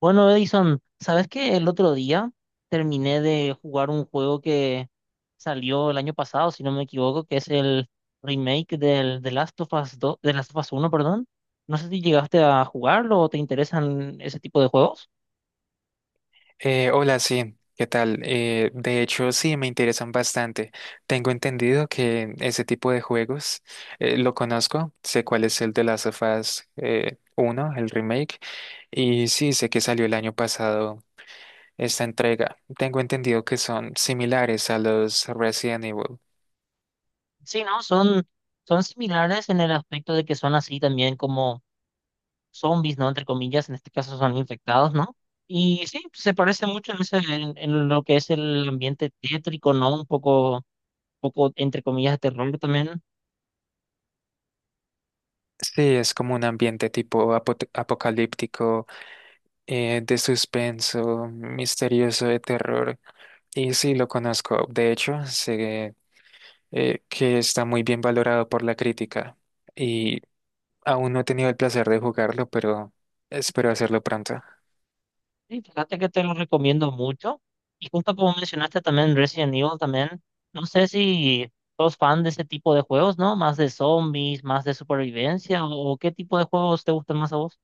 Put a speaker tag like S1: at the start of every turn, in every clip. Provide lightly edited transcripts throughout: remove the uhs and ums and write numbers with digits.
S1: Bueno, Edison, ¿sabes qué? El otro día terminé de jugar un juego que salió el año pasado, si no me equivoco, que es el remake del The Last of Us dos de Last of Us uno, perdón. No sé si llegaste a jugarlo o te interesan ese tipo de juegos.
S2: Hola, sí, ¿qué tal? De hecho, sí, me interesan bastante. Tengo entendido que ese tipo de juegos lo conozco, sé cuál es el de Last of Us, 1, el remake, y sí, sé que salió el año pasado esta entrega. Tengo entendido que son similares a los Resident Evil.
S1: Sí, ¿no? Son similares en el aspecto de que son así también como zombies, ¿no? Entre comillas, en este caso son infectados, ¿no? Y sí, se parece mucho en lo que es el ambiente tétrico, ¿no? Un poco entre comillas, de terror también.
S2: Sí, es como un ambiente tipo apocalíptico, de suspenso, misterioso, de terror. Y sí, lo conozco. De hecho, sé que está muy bien valorado por la crítica, y aún no he tenido el placer de jugarlo, pero espero hacerlo pronto.
S1: Sí, fíjate que te lo recomiendo mucho. Y justo como mencionaste también Resident Evil también, no sé si sos fan de ese tipo de juegos, ¿no? Más de zombies, más de supervivencia, o qué tipo de juegos te gustan más a vos.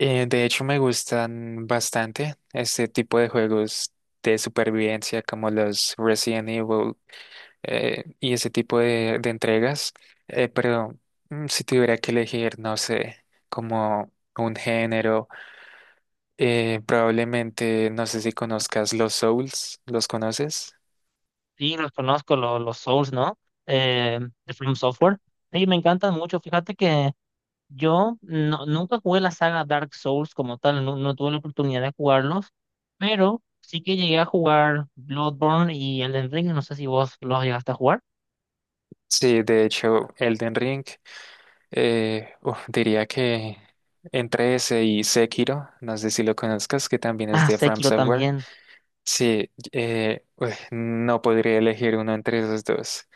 S2: De hecho, me gustan bastante este tipo de juegos de supervivencia como los Resident Evil, y ese tipo de entregas. Pero si tuviera que elegir, no sé, como un género, probablemente, no sé si conozcas los Souls, ¿los conoces?
S1: Sí, los conozco, los Souls, ¿no? Eh, de From Software. Sí, me encantan mucho. Fíjate que yo no- nunca jugué la saga Dark Souls como tal, no, no tuve la oportunidad de jugarlos, pero sí que llegué a jugar Bloodborne y Elden Ring, no sé si vos los llegaste a jugar.
S2: Sí, de hecho, Elden Ring. Uf, diría que entre ese y Sekiro, no sé si lo conozcas, que también es
S1: Ah,
S2: de From
S1: Sekiro
S2: Software.
S1: también.
S2: Sí, uy, no podría elegir uno entre esos dos.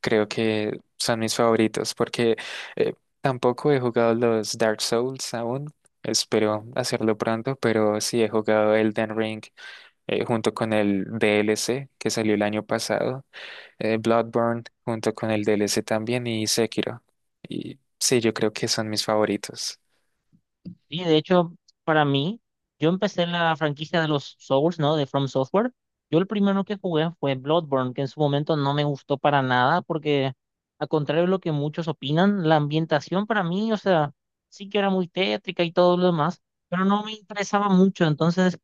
S2: Creo que son mis favoritos porque eh, tampoco he jugado los Dark Souls aún. Espero hacerlo pronto, pero sí he jugado Elden Ring, junto con el DLC que salió el año pasado, Bloodborne junto con el DLC también, y Sekiro. Y sí, yo creo que son mis favoritos.
S1: Y de hecho, para mí, yo empecé en la franquicia de los Souls, ¿no? De From Software. Yo el primero que jugué fue Bloodborne, que en su momento no me gustó para nada, porque a contrario de lo que muchos opinan, la ambientación para mí, o sea, sí que era muy tétrica y todo lo demás, pero no me interesaba mucho. Entonces,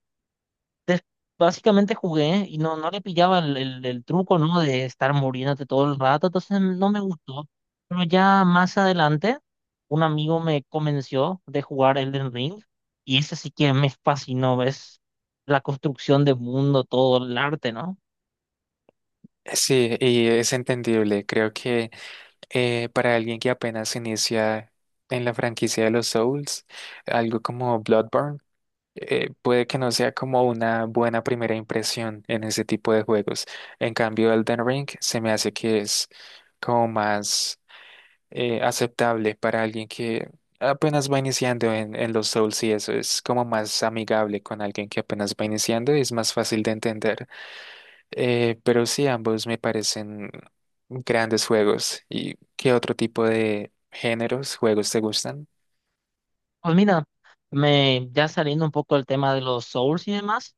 S1: des- básicamente jugué y no, no le pillaba el truco, ¿no? De estar muriéndote todo el rato, entonces no me gustó. Pero ya más adelante, un amigo me convenció de jugar Elden Ring y ese sí que me fascinó, ¿ves? La construcción de mundo, todo el arte, ¿no?
S2: Sí, y es entendible. Creo que para alguien que apenas inicia en la franquicia de los Souls, algo como Bloodborne, puede que no sea como una buena primera impresión en ese tipo de juegos. En cambio, Elden Ring se me hace que es como más aceptable para alguien que apenas va iniciando en los Souls, y eso es como más amigable con alguien que apenas va iniciando, y es más fácil de entender. Pero sí, ambos me parecen grandes juegos. ¿Y qué otro tipo de géneros, juegos te gustan?
S1: Pues mira, ya saliendo un poco del tema de los Souls y demás,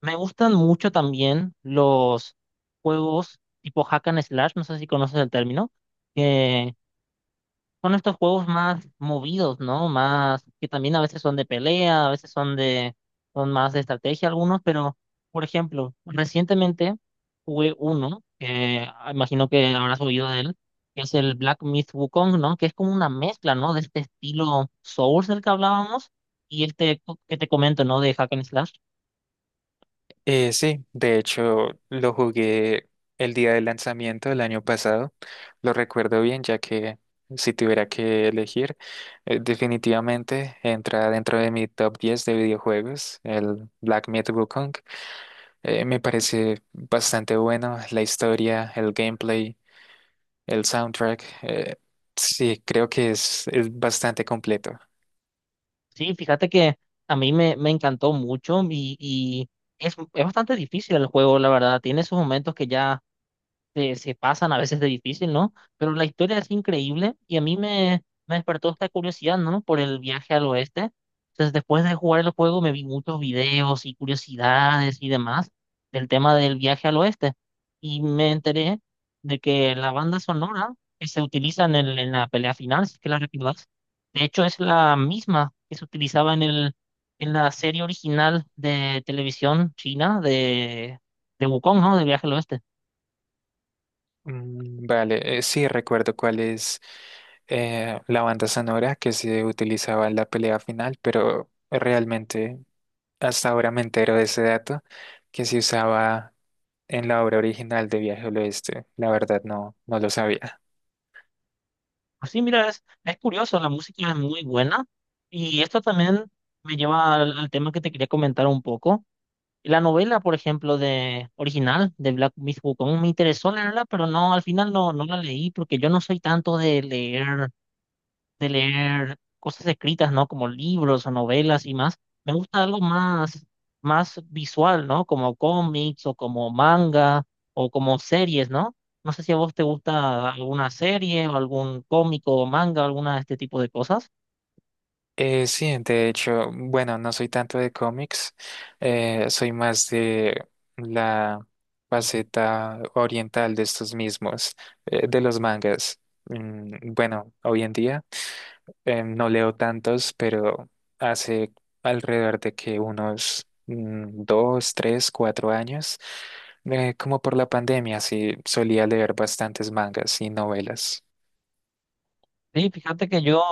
S1: me gustan mucho también los juegos tipo hack and slash, no sé si conoces el término, que son estos juegos más movidos, ¿no? Más que también a veces son de pelea, a veces son más de estrategia algunos, pero, por ejemplo, recientemente jugué uno, que imagino que habrás oído de él, que es el Black Myth Wukong, ¿no? Que es como una mezcla, ¿no? De este estilo Souls del que hablábamos y este que te comento, ¿no? De Hack and Slash.
S2: Sí, de hecho lo jugué el día del lanzamiento del año pasado. Lo recuerdo bien, ya que si tuviera que elegir, definitivamente entra dentro de mi top 10 de videojuegos, el Black Myth Wukong. Me parece bastante bueno la historia, el gameplay. El soundtrack, sí, creo que es bastante completo.
S1: Sí, fíjate que a me encantó mucho, y es bastante difícil el juego, la verdad. Tiene sus momentos que ya se pasan a veces de difícil, ¿no? Pero la historia es increíble y a me despertó esta curiosidad, ¿no? Por el viaje al oeste. Entonces, después de jugar el juego, me vi muchos videos y curiosidades y demás del tema del viaje al oeste. Y me enteré de que la banda sonora que se utiliza en en la pelea final, si es que la recordás, de hecho es la misma que se utilizaba en la serie original de televisión china de Wukong, ¿no? De Viaje al Oeste.
S2: Vale, sí, recuerdo cuál es la banda sonora que se utilizaba en la pelea final, pero realmente hasta ahora me entero de ese dato, que se usaba en la obra original de Viaje al Oeste. La verdad no, no lo sabía.
S1: Pues sí, mira, es curioso, la música es muy buena y esto también me lleva al tema que te quería comentar un poco. La novela, por ejemplo, de original de Black Myth Wukong me interesó leerla, pero no, al final no, no la leí porque yo no soy tanto de leer cosas escritas, ¿no? Como libros o novelas y más. Me gusta algo más visual, ¿no? Como cómics o como manga o como series, ¿no? No sé si a vos te gusta alguna serie o algún cómico o manga, alguna de este tipo de cosas.
S2: Sí, de hecho, bueno, no soy tanto de cómics, soy más de la faceta oriental de estos mismos, de los mangas. Bueno, hoy en día no leo tantos, pero hace alrededor de que unos 2, 3, 4 años, como por la pandemia, sí solía leer bastantes mangas y novelas.
S1: Sí, fíjate que yo,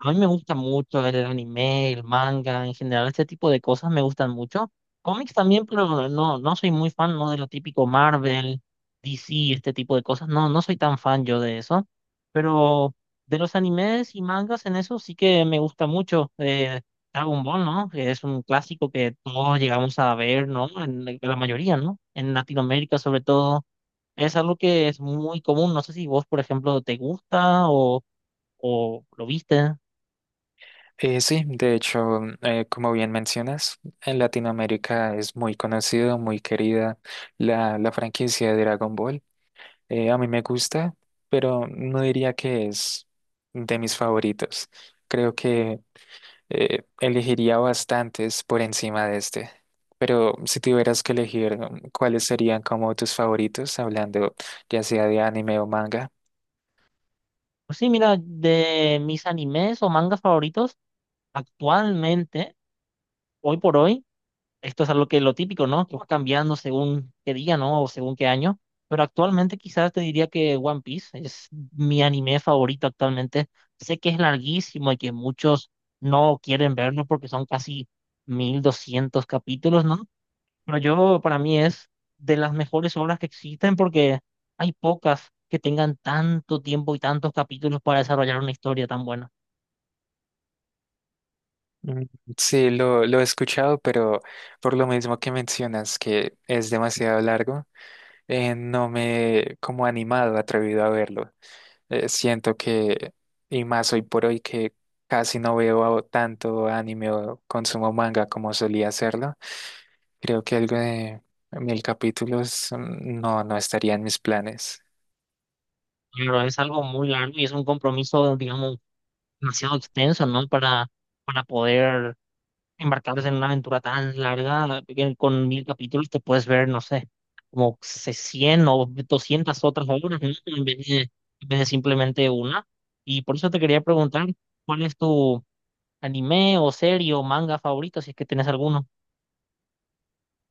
S1: a mí me gusta mucho el anime, el manga, en general, este tipo de cosas me gustan mucho. Cómics también, pero no, no soy muy fan, no de lo típico Marvel, DC, este tipo de cosas. No, no soy tan fan yo de eso. Pero de los animes y mangas en eso sí que me gusta mucho. Dragon Ball, ¿no? Que es un clásico que todos llegamos a ver, ¿no? En la mayoría, ¿no? En Latinoamérica sobre todo. Es algo que es muy común. No sé si vos, por ejemplo, te gusta o lo viste.
S2: Sí, de hecho, como bien mencionas, en Latinoamérica es muy conocido, muy querida la franquicia de Dragon Ball. A mí me gusta, pero no diría que es de mis favoritos. Creo que elegiría bastantes por encima de este. Pero si tuvieras que elegir, ¿cuáles serían como tus favoritos, hablando ya sea de anime o manga?
S1: Pues sí, mira, de mis animes o mangas favoritos, actualmente, hoy por hoy, esto es algo que lo típico, ¿no? Que va cambiando según qué día, ¿no? O según qué año. Pero actualmente quizás te diría que One Piece es mi anime favorito actualmente. Sé que es larguísimo y que muchos no quieren verlo porque son casi 1200 capítulos, ¿no? Pero yo, para mí, es de las mejores obras que existen porque hay pocas que tengan tanto tiempo y tantos capítulos para desarrollar una historia tan buena.
S2: Mm, Sí, lo he escuchado, pero por lo mismo que mencionas que es demasiado largo, no me he como animado, atrevido a verlo. Siento que, y más hoy por hoy, que casi no veo tanto anime o consumo manga como solía hacerlo. Creo que algo de 1000 capítulos, no, no estaría en mis planes.
S1: Pero es algo muy largo y es un compromiso, digamos, demasiado extenso, ¿no? Para poder embarcarse en una aventura tan larga, que con 1000 capítulos te puedes ver, no sé, como 100 o 200 otras obras, ¿no? En vez de simplemente una. Y por eso te quería preguntar, ¿cuál es tu anime o serie o manga favorito, si es que tenés alguno?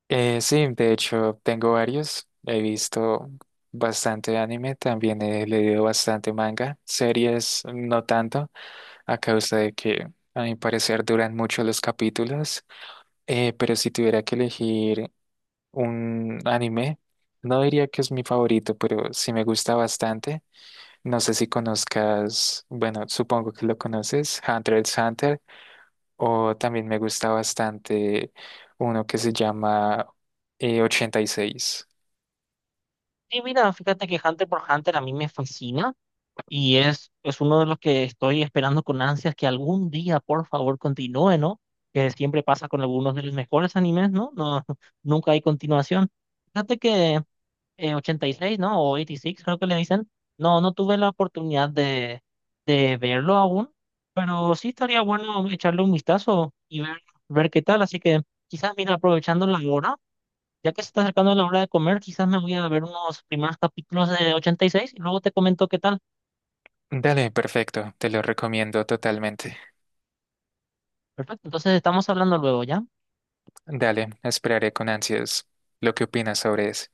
S2: Sí, de hecho tengo varios. He visto bastante anime, también he leído bastante manga. Series no tanto, a causa de que a mi parecer duran mucho los capítulos. Pero si tuviera que elegir un anime, no diría que es mi favorito, pero sí me gusta bastante. No sé si conozcas, bueno, supongo que lo conoces, Hunter x Hunter, o también me gusta bastante uno que se llama 86.
S1: Sí, mira, fíjate que Hunter por Hunter a mí me fascina y es uno de los que estoy esperando con ansias que algún día, por favor, continúe, ¿no? Que siempre pasa con algunos de los mejores animes, ¿no? No, nunca hay continuación. Fíjate que 86, ¿no? O 86, creo que le dicen. No, no tuve la oportunidad de verlo aún, pero sí estaría bueno echarle un vistazo y ver qué tal. Así que quizás, mira, aprovechando la hora. Ya que se está acercando la hora de comer, quizás me voy a ver unos primeros capítulos de 86 y seis y luego te comento qué tal.
S2: Dale, perfecto, te lo recomiendo totalmente.
S1: Perfecto, entonces estamos hablando luego, ¿ya?
S2: Dale, esperaré con ansias lo que opinas sobre eso.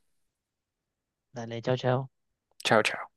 S1: Dale, chao, chao.
S2: Chao, chao.